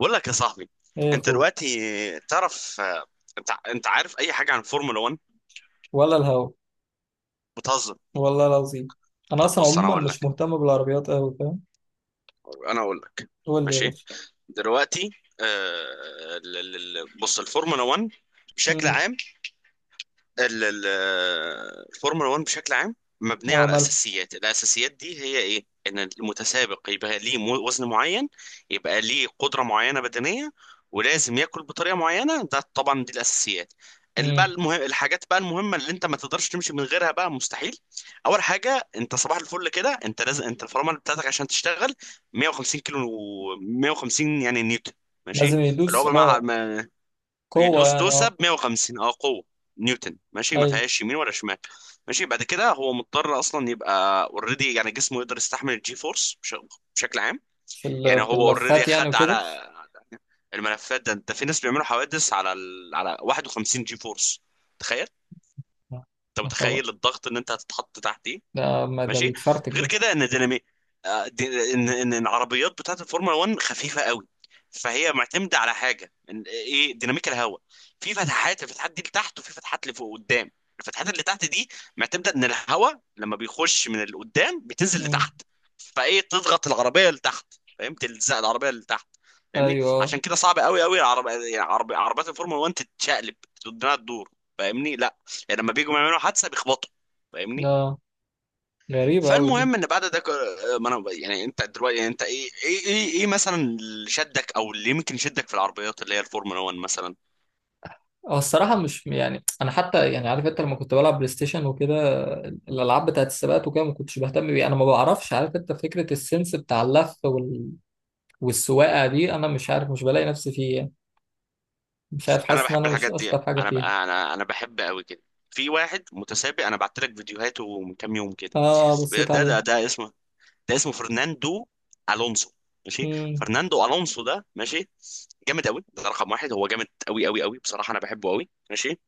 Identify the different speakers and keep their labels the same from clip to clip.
Speaker 1: بقول لك يا صاحبي،
Speaker 2: ايه يا
Speaker 1: انت
Speaker 2: اخوي.
Speaker 1: دلوقتي تعرف آه، انت عارف اي حاجه عن فورمولا 1؟
Speaker 2: ولا الهوا.
Speaker 1: بتهزر.
Speaker 2: والله العظيم، انا
Speaker 1: طب
Speaker 2: اصلا
Speaker 1: بص، انا
Speaker 2: عموما
Speaker 1: اقول
Speaker 2: مش
Speaker 1: لك
Speaker 2: مهتم بالعربيات قوي، فاهم.
Speaker 1: انا اقول لك
Speaker 2: قول لي يا
Speaker 1: ماشي.
Speaker 2: باشا.
Speaker 1: دلوقتي بص الفورمولا 1 بشكل
Speaker 2: امم.
Speaker 1: عام. ال- ال- الفورمولا 1 بشكل عام مبنيه
Speaker 2: اه،
Speaker 1: على
Speaker 2: مالك.
Speaker 1: اساسيات. الاساسيات دي هي ايه؟ ان المتسابق يبقى ليه وزن معين، يبقى ليه قدره معينه بدنيه، ولازم ياكل بطريقه معينه. ده طبعا دي الاساسيات.
Speaker 2: امم.
Speaker 1: الحاجات بقى المهمه اللي انت ما تقدرش تمشي من غيرها بقى مستحيل. اول حاجه، انت صباح الفل كده انت لازم انت الفرامل بتاعتك عشان تشتغل 150 كيلو، 150 يعني نيوتن.
Speaker 2: لازم
Speaker 1: ماشي، اللي هو
Speaker 2: يدوس، اه.
Speaker 1: بمعنى
Speaker 2: قوه
Speaker 1: يدوس
Speaker 2: يعني،
Speaker 1: دوسه
Speaker 2: اه.
Speaker 1: ب 150 اه قوه نيوتن. ماشي، ما
Speaker 2: ايوه.
Speaker 1: فيهاش يمين ولا شمال. ماشي، بعد كده هو مضطر اصلا يبقى اوريدي، يعني جسمه يقدر يستحمل الجي فورس بشكل عام.
Speaker 2: في
Speaker 1: يعني هو اوريدي
Speaker 2: اللفات يعني
Speaker 1: خد
Speaker 2: وكده.
Speaker 1: على الملفات ده. انت في ناس بيعملوا حوادث على على 51 جي فورس. تخيل،
Speaker 2: آه.
Speaker 1: انت
Speaker 2: يا خبر،
Speaker 1: متخيل الضغط ان انت هتتحط تحت؟
Speaker 2: ده ما ده
Speaker 1: ماشي.
Speaker 2: بيتفرتك
Speaker 1: غير
Speaker 2: ده.
Speaker 1: كده ان دينامي آه، ان ان إن العربيات بتاعت الفورمولا 1 خفيفه قوي، فهي معتمده على حاجه إن ايه؟ ديناميك الهواء. في فتحات، الفتحات دي لتحت، وفي فتحات لفوق قدام. الفتحات اللي تحت دي معتمده ان الهواء لما بيخش من القدام بتنزل
Speaker 2: امم.
Speaker 1: لتحت، فايه؟ تضغط العربيه لتحت. فاهم؟ تلزق العربيه لتحت. فاهمني؟
Speaker 2: ايوه. اه.
Speaker 1: عشان كده صعب قوي يعني عربيات الفورمولا 1 تتشقلب، انها تدور. فاهمني؟ لا يعني لما بيجوا يعملوا حادثه بيخبطوا. فاهمني؟
Speaker 2: آه، غريبه قوي دي.
Speaker 1: فالمهم ان بعد ده ما انا يعني، انت دلوقتي يعني، انت إيه مثلا اللي شدك او اللي يمكن يشدك في العربيات اللي هي الفورمولا 1 مثلا؟
Speaker 2: اه، الصراحه، مش يعني، انا حتى يعني، عارف انت لما كنت بلعب بلاي ستيشن وكده، الالعاب بتاعت السباقات وكده، ما كنتش بهتم بيها. انا ما بعرفش، عارف انت، فكره السنس بتاع اللف والسواقه دي، انا مش عارف، مش بلاقي نفسي فيه يعني. مش عارف،
Speaker 1: انا
Speaker 2: حاسس ان
Speaker 1: بحب
Speaker 2: انا مش
Speaker 1: الحاجات دي.
Speaker 2: اشطر حاجه فيها.
Speaker 1: انا بحب قوي كده. في واحد متسابق انا بعت لك فيديوهاته من كام يوم كده.
Speaker 2: اه، بصيت عليه.
Speaker 1: ده اسمه، ده اسمه فرناندو الونسو. ماشي،
Speaker 2: امم.
Speaker 1: فرناندو الونسو ده ماشي جامد قوي. ده رقم واحد. هو جامد قوي بصراحه، انا بحبه قوي. ماشي،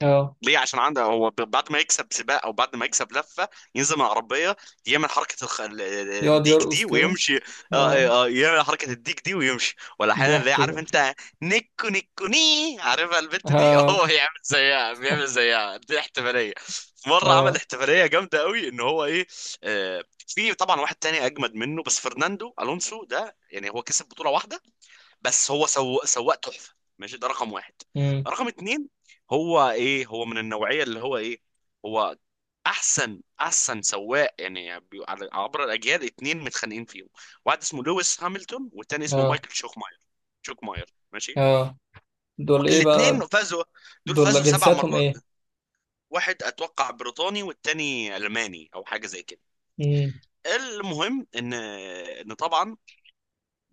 Speaker 2: اه.
Speaker 1: ليه؟ عشان عنده هو بعد ما يكسب سباق او بعد ما يكسب لفه، ينزل من العربيه يعمل حركه
Speaker 2: يقعد
Speaker 1: الديك
Speaker 2: يرقص
Speaker 1: دي
Speaker 2: كده،
Speaker 1: ويمشي. آه
Speaker 2: اه.
Speaker 1: آه، آه، يعمل حركه الديك دي ويمشي، ولا احيانا اللي
Speaker 2: ضحك
Speaker 1: عارف
Speaker 2: ده.
Speaker 1: انت نيكو نيكو ني، عارفها البت دي؟
Speaker 2: اه.
Speaker 1: هو يعمل زيها، بيعمل زيها. دي احتفاليه. مره عمل
Speaker 2: اه.
Speaker 1: احتفاليه جامده قوي، ان هو ايه؟ آه في طبعا واحد تاني اجمد منه، بس فرناندو الونسو ده يعني هو كسب بطوله واحده، بس هو سواق تحفه. ماشي، ده رقم واحد.
Speaker 2: امم.
Speaker 1: رقم اتنين، هو ايه؟ هو من النوعيه اللي هو ايه؟ هو احسن احسن سواق، يعني عبر الاجيال. اتنين متخانقين فيهم: واحد اسمه لويس هامilton، والتاني اسمه
Speaker 2: اه.
Speaker 1: مايكل شوكماير، شوكماير. ماشي،
Speaker 2: اه، دول ايه
Speaker 1: الاتنين
Speaker 2: بقى؟
Speaker 1: فازوا. دول
Speaker 2: دول
Speaker 1: فازوا سبع
Speaker 2: جنسياتهم ايه؟
Speaker 1: مرات. واحد اتوقع بريطاني، والتاني الماني او حاجه زي كده.
Speaker 2: امم.
Speaker 1: المهم ان، ان طبعا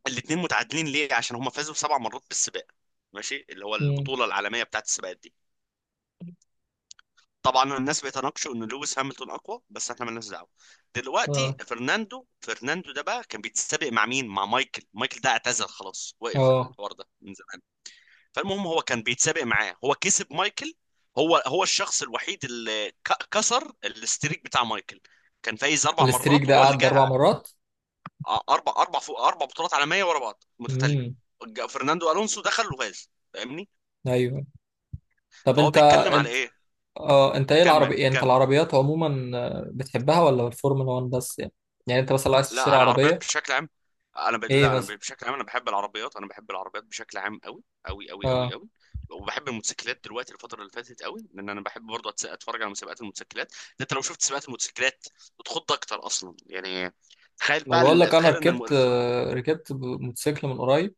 Speaker 1: الاتنين متعادلين ليه؟ عشان هم فازوا سبع مرات بالسباق. ماشي، اللي هو
Speaker 2: امم.
Speaker 1: البطوله العالميه بتاعت السباقات دي. طبعا الناس بيتناقشوا ان لويس هامilton اقوى، بس احنا مالناش دعوه. دلوقتي
Speaker 2: اه.
Speaker 1: فرناندو ده بقى كان بيتسابق مع مين؟ مع مايكل. مايكل ده اعتزل خلاص، وقف
Speaker 2: اه،
Speaker 1: الحوار ده من زمان. فالمهم هو كان بيتسابق معاه، هو كسب مايكل. هو الشخص الوحيد اللي كسر الاستريك بتاع مايكل. كان فايز اربع
Speaker 2: الاستريك
Speaker 1: مرات
Speaker 2: ده
Speaker 1: وهو اللي
Speaker 2: قعد
Speaker 1: جه.
Speaker 2: اربع مرات؟
Speaker 1: اربع اربع فوق اربع بطولات عالميه ورا بعض متتاليه.
Speaker 2: امم.
Speaker 1: فرناندو الونسو دخل وفاز. فاهمني؟
Speaker 2: ايوه. طب
Speaker 1: فهو
Speaker 2: انت
Speaker 1: بيتكلم على
Speaker 2: انت
Speaker 1: ايه؟
Speaker 2: اه، انت ايه العربي
Speaker 1: كم
Speaker 2: يعني، انت
Speaker 1: كم؟
Speaker 2: العربيات عموما، آه، بتحبها ولا الفورمولا 1 بس يعني؟ يعني انت مثلا لو عايز
Speaker 1: لا،
Speaker 2: تشتري
Speaker 1: على العربيات
Speaker 2: عربيه،
Speaker 1: بشكل عام.
Speaker 2: ايه
Speaker 1: لا
Speaker 2: مثلا؟
Speaker 1: بشكل عام، انا بحب العربيات. انا بحب العربيات بشكل عام قوي قوي قوي قوي
Speaker 2: آه.
Speaker 1: قوي وبحب الموتوسيكلات دلوقتي، الفتره اللي فاتت قوي، لان انا بحب برضه اتفرج على مسابقات الموتوسيكلات. انت لو شفت سباقات الموتوسيكلات بتخض اكتر اصلا يعني. تخيل
Speaker 2: ما
Speaker 1: بقى
Speaker 2: بقول لك، انا
Speaker 1: تخيل ان
Speaker 2: ركبت، آه، ركبت موتوسيكل من قريب.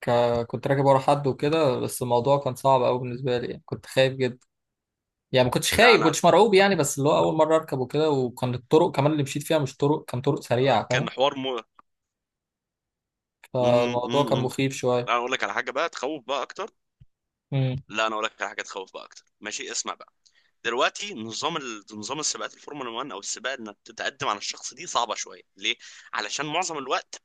Speaker 2: كنت راكب ورا حد وكده، بس الموضوع كان صعب قوي بالنسبه لي يعني، كنت خايف جدا. يعني ما كنتش
Speaker 1: لا
Speaker 2: خايف، ما
Speaker 1: انا
Speaker 2: كنتش مرعوب يعني، بس اللي هو اول مره اركب وكده، وكان الطرق كمان اللي مشيت فيها مش طرق، كان طرق
Speaker 1: آه،
Speaker 2: سريعه
Speaker 1: كان
Speaker 2: فاهم.
Speaker 1: حوار مو م...
Speaker 2: فالموضوع كان
Speaker 1: م... م.
Speaker 2: مخيف
Speaker 1: لا
Speaker 2: شويه.
Speaker 1: انا اقول لك على حاجه بقى تخوف بقى اكتر.
Speaker 2: امم.
Speaker 1: لا انا اقول لك على حاجه تخوف بقى اكتر. ماشي، اسمع بقى. دلوقتي نظام نظام السباقات الفورمولا 1 او السباق، انك تتقدم على الشخص دي صعبه شويه، ليه؟ علشان معظم الوقت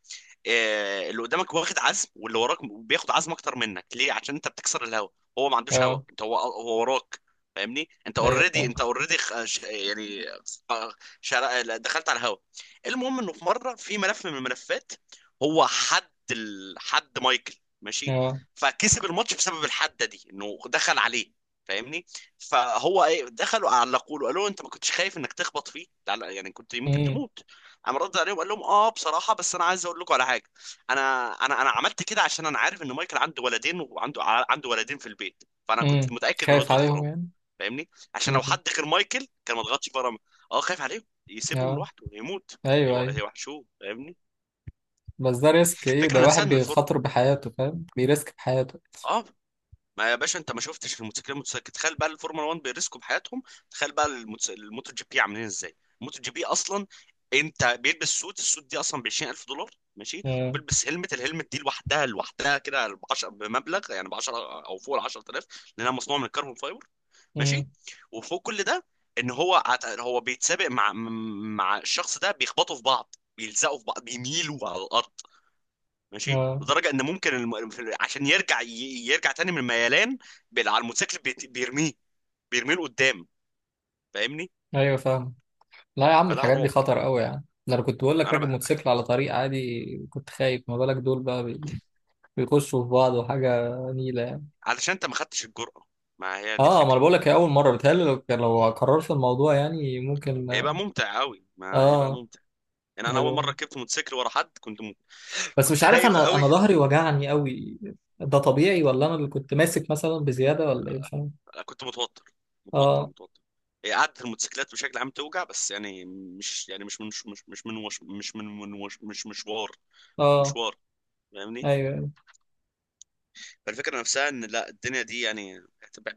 Speaker 1: آه، اللي قدامك واخد عزم واللي وراك بياخد عزم اكتر منك، ليه؟ عشان انت بتكسر الهوا. هو ما عندوش هوا،
Speaker 2: اه.
Speaker 1: انت هو وراك. فاهمني؟ انت
Speaker 2: ايوه
Speaker 1: اوريدي،
Speaker 2: فاهم.
Speaker 1: انت اوريدي يعني خ- دخلت على الهوا. المهم انه في مره في ملف من الملفات، هو حد حد مايكل. ماشي،
Speaker 2: اه.
Speaker 1: فكسب الماتش بسبب الحده دي انه دخل عليه. فاهمني؟ فهو ايه؟ دخلوا علقوا له، قالوا له: انت ما كنتش خايف انك تخبط فيه؟ لا لا، يعني كنت يمكن
Speaker 2: امم.
Speaker 1: تموت. قام رد عليهم قال لهم: اه بصراحه، بس انا عايز اقول لكم على حاجه. انا انا عملت كده عشان انا عارف ان مايكل عنده ولدين، وعنده عنده ولدين في البيت، فانا كنت
Speaker 2: امم.
Speaker 1: متاكد انه
Speaker 2: خايف
Speaker 1: يضغط
Speaker 2: عليهم
Speaker 1: فرامل.
Speaker 2: يعني.
Speaker 1: فاهمني؟ عشان لو
Speaker 2: امم.
Speaker 1: حد غير مايكل كان ما ضغطش فرامل. اه، خايف عليهم يسيبهم
Speaker 2: اه.
Speaker 1: لوحده يموت،
Speaker 2: ايوه ايوه.
Speaker 1: يوحشوه. فاهمني؟
Speaker 2: بس ده ريسك ايه؟
Speaker 1: الفكره
Speaker 2: ده واحد
Speaker 1: نفسها ان الفرن،
Speaker 2: بيخاطر بحياته فاهم، بيريسك بحياته.
Speaker 1: اه، ما يا باشا انت ما شفتش الموتوسيكلات المتسابقه؟ تخيل بقى الفورمولا 1 بيرسكوا بحياتهم. تخيل بقى الموتو جي بي عاملين ازاي. الموتو جي بي اصلا، انت بيلبس سوت، السوت دي اصلا ب 20,000 دولار. ماشي،
Speaker 2: امم.
Speaker 1: وبيلبس هلمت، الهلمت دي لوحدها، لوحدها كده ب 10، بمبلغ يعني ب 10 او فوق ال 10,000، لانها مصنوعه من الكربون فايبر. ماشي،
Speaker 2: امم.
Speaker 1: وفوق كل ده، ان هو هو بيتسابق مع مع الشخص ده، بيخبطوا في بعض، بيلزقوا في بعض، بيميلوا على الارض. ماشي،
Speaker 2: اه.
Speaker 1: لدرجه ان ممكن عشان يرجع يرجع تاني من الميلان على الموتوسيكل بيرميه، بيرميه لقدام. فاهمني؟
Speaker 2: ايوه فاهم. لا يا عم،
Speaker 1: فلا
Speaker 2: الحاجات دي
Speaker 1: رعب.
Speaker 2: خطر قوي يعني. ده انا كنت بقول لك،
Speaker 1: انا
Speaker 2: راكب
Speaker 1: بقى
Speaker 2: موتوسيكل على طريق عادي كنت خايف، ما بالك دول بقى بيخشوا في بعض وحاجه نيله يعني.
Speaker 1: علشان انت ما خدتش الجرأه. ما هي دي
Speaker 2: اه، ما انا
Speaker 1: الفكره.
Speaker 2: بقول لك، هي اول مره. بتهيألي لو لو قررت الموضوع يعني ممكن.
Speaker 1: هيبقى ممتع قوي، ما هيبقى
Speaker 2: اه.
Speaker 1: ممتع يعني. انا اول مره
Speaker 2: ايوه
Speaker 1: ركبت موتوسيكل ورا حد كنت
Speaker 2: بس
Speaker 1: كنت
Speaker 2: مش عارف،
Speaker 1: خايف
Speaker 2: انا
Speaker 1: قوي،
Speaker 2: انا ظهري وجعني قوي. ده طبيعي، ولا انا اللي كنت ماسك مثلا بزياده، ولا ايه مش عارف.
Speaker 1: كنت متوتر
Speaker 2: اه.
Speaker 1: متوتر. هي قعدة الموتوسيكلات بشكل عام توجع، بس يعني مش يعني مش من مش مش من وش مش من من وش مش مشوار،
Speaker 2: اه.
Speaker 1: مشوار. فاهمني؟
Speaker 2: ايوه
Speaker 1: فالفكره نفسها ان لا، الدنيا دي يعني،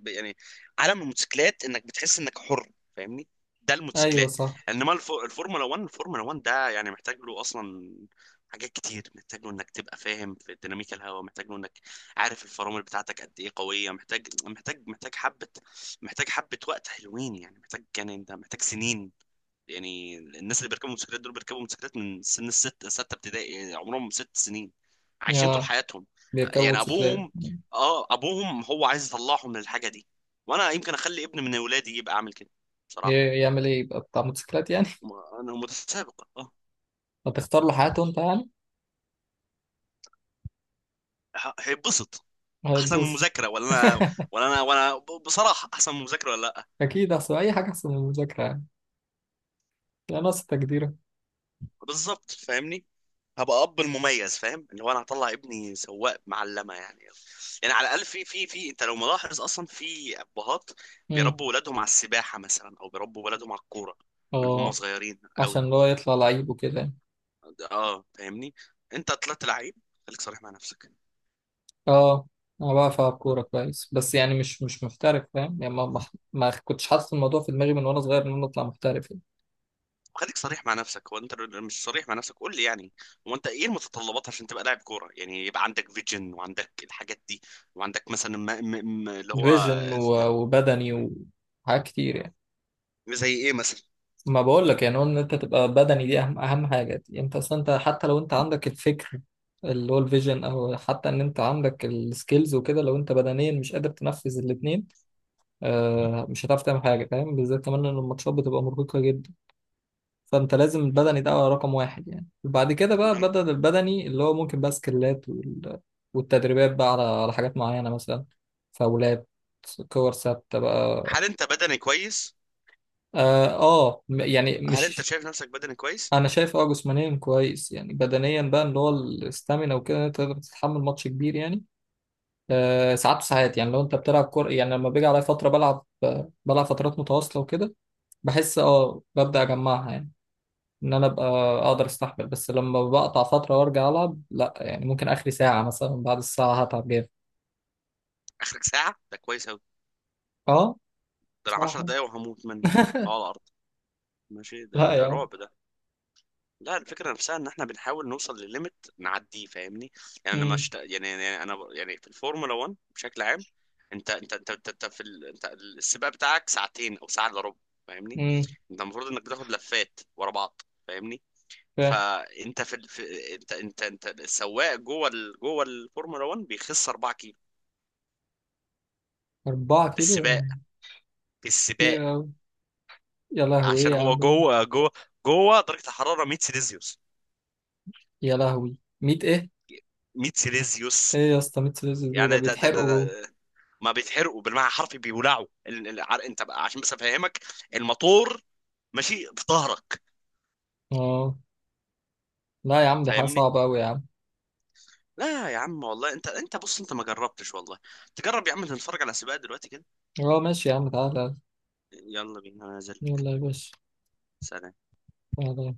Speaker 1: يعني عالم الموتوسيكلات انك بتحس انك حر. فاهمني؟ ده
Speaker 2: ايوه
Speaker 1: الموتوسيكلات.
Speaker 2: صح.
Speaker 1: انما الفورمولا 1 ده يعني محتاج له اصلا حاجات كتير. محتاج له انك تبقى فاهم في ديناميكا الهواء، محتاج له انك عارف الفرامل بتاعتك قد ايه قويه، محتاج حبه، محتاج حبه وقت حلوين. يعني محتاج، يعني انت محتاج سنين. يعني الناس اللي بيركبوا موتوسيكلات دول بيركبوا موتوسيكلات من سن الست ستة ابتدائي، يعني عمرهم ست سنين، عايشين طول
Speaker 2: يا.
Speaker 1: حياتهم.
Speaker 2: بيركبوا
Speaker 1: يعني
Speaker 2: موتوسيكلات؟
Speaker 1: ابوهم، اه ابوهم هو عايز يطلعهم من الحاجة دي. وانا يمكن اخلي ابن من اولادي يبقى عامل كده، بصراحة يعني.
Speaker 2: يعمل ايه، يبقى بتاع موتوسيكلات يعني؟
Speaker 1: م- انا متسابق، اه
Speaker 2: هتختار له حياته انت يعني؟
Speaker 1: هيتبسط. احسن من
Speaker 2: هيتبسط.
Speaker 1: المذاكرة ولا؟ انا، ولا انا، ولا بصراحة احسن من المذاكرة ولا لا.
Speaker 2: أكيد أحسن، أي حاجة أحسن من المذاكرة يعني. يعني ناقص تقديرك.
Speaker 1: بالظبط فاهمني. هبقى اب المميز، فاهم اللي هو انا هطلع ابني سواق معلمه يعني. يعني على الاقل، في في انت لو ملاحظ اصلا في ابهات
Speaker 2: أمم.
Speaker 1: بيربوا ولادهم على السباحه مثلا، او بيربوا ولادهم على الكوره، من هم
Speaker 2: أه،
Speaker 1: صغيرين قوي.
Speaker 2: عشان اللي هو يطلع لعيب وكده يعني.
Speaker 1: اه فاهمني، انت طلعت لعيب. خليك صريح مع نفسك.
Speaker 2: أه، أنا بعرف ألعب كورة كويس، بس يعني مش محترف فاهم يعني، ما كنتش حاطط الموضوع في دماغي من وأنا صغير إن أنا أطلع محترف يعني.
Speaker 1: خليك صريح مع نفسك، هو انت مش صريح مع نفسك؟ قول لي يعني. هو انت ايه المتطلبات عشان تبقى لاعب كوره؟ يعني يبقى عندك فيجن، وعندك الحاجات دي، وعندك مثلا، ما اللي هو.
Speaker 2: فيجن وبدني وحاجات كتير يعني.
Speaker 1: زي ايه مثلا؟
Speaker 2: ما بقول لك يعني، هو إن أنت تبقى بدني دي أهم أهم حاجة دي. أنت أصلا، أنت حتى لو أنت عندك الفكر اللي هو الفيجن، أو حتى إن أنت عندك السكيلز وكده، لو أنت بدنيا مش قادر تنفذ الاتنين، آه، مش هتعرف تعمل حاجه فاهم، بالذات كمان ان الماتشات بتبقى مرهقه جدا. فانت لازم
Speaker 1: والله
Speaker 2: البدني ده رقم واحد يعني، وبعد كده بقى
Speaker 1: يعني.
Speaker 2: بدل البدني اللي هو ممكن بقى سكيلات والتدريبات بقى على حاجات معينه مثلا، فاولات، كور ثابته بقى.
Speaker 1: هل انت بدني كويس؟
Speaker 2: اه. آه، يعني
Speaker 1: هل انت
Speaker 2: مش.
Speaker 1: شايف نفسك بدني كويس؟
Speaker 2: انا شايف اه، جسمانيا كويس يعني، بدنيا بقى اللي هو الاستامينا وكده، إن انت تقدر تتحمل ماتش كبير يعني، آه، ساعات وساعات. يعني لو انت بتلعب كوره يعني، لما بيجي عليا فتره بلعب فترات متواصله وكده، بحس، اه، ببدأ أجمعها يعني، إن أنا أبقى أقدر أستحمل. بس لما بقطع فترة وأرجع ألعب، لأ يعني، ممكن آخري ساعة مثلا، بعد الساعة هتعب جامد.
Speaker 1: اخرك ساعه ده كويس اوي.
Speaker 2: اه
Speaker 1: ده انا
Speaker 2: صح.
Speaker 1: 10 دقايق وهموت منك آه، على الارض. ماشي، ده
Speaker 2: لا
Speaker 1: ده
Speaker 2: يا عم.
Speaker 1: رعب ده. لا، الفكره نفسها ان احنا بنحاول نوصل لليميت نعديه. فاهمني؟ يعني انا
Speaker 2: امم.
Speaker 1: مش يعني، يعني انا يعني، في الفورمولا 1 بشكل عام انت في انت السباق بتاعك ساعتين او ساعه الا ربع. فاهمني؟
Speaker 2: امم.
Speaker 1: انت المفروض انك بتاخد لفات ورا بعض. فاهمني؟
Speaker 2: فاهم.
Speaker 1: فانت في, في انت السواق جوه جوه الفورمولا 1 بيخس 4 كيلو
Speaker 2: أربعة كيلو
Speaker 1: بالسباق،
Speaker 2: يعني؟
Speaker 1: بالسباق.
Speaker 2: كتير أوي. يا لهوي، إيه
Speaker 1: عشان
Speaker 2: يا
Speaker 1: هو
Speaker 2: عم؟
Speaker 1: جوه جوه، جوه درجة الحرارة 100 سيليزيوس،
Speaker 2: يا لهوي، ميت إيه؟
Speaker 1: 100 سيليزيوس.
Speaker 2: إيه يا اسطى، ميت سلسلة؟ زي ده
Speaker 1: يعني
Speaker 2: بيتحرقوا جوه.
Speaker 1: ده ما بيتحرقوا بالمعنى الحرفي، بيولعوا انت بقى عشان بس افهمك، الموتور ماشي في ظهرك.
Speaker 2: اه. لا يا عم، دي حاجة
Speaker 1: فاهمني؟
Speaker 2: صعبة أوي يا عم.
Speaker 1: لا يا عم والله، انت انت بص، انت ما جربتش والله. تجرب يا عم، نتفرج على سباق دلوقتي كده.
Speaker 2: اه ماشي يا عم، تعالى.
Speaker 1: يلا بينا، انا نازل لك.
Speaker 2: يلا يا باشا.
Speaker 1: سلام
Speaker 2: تعالى.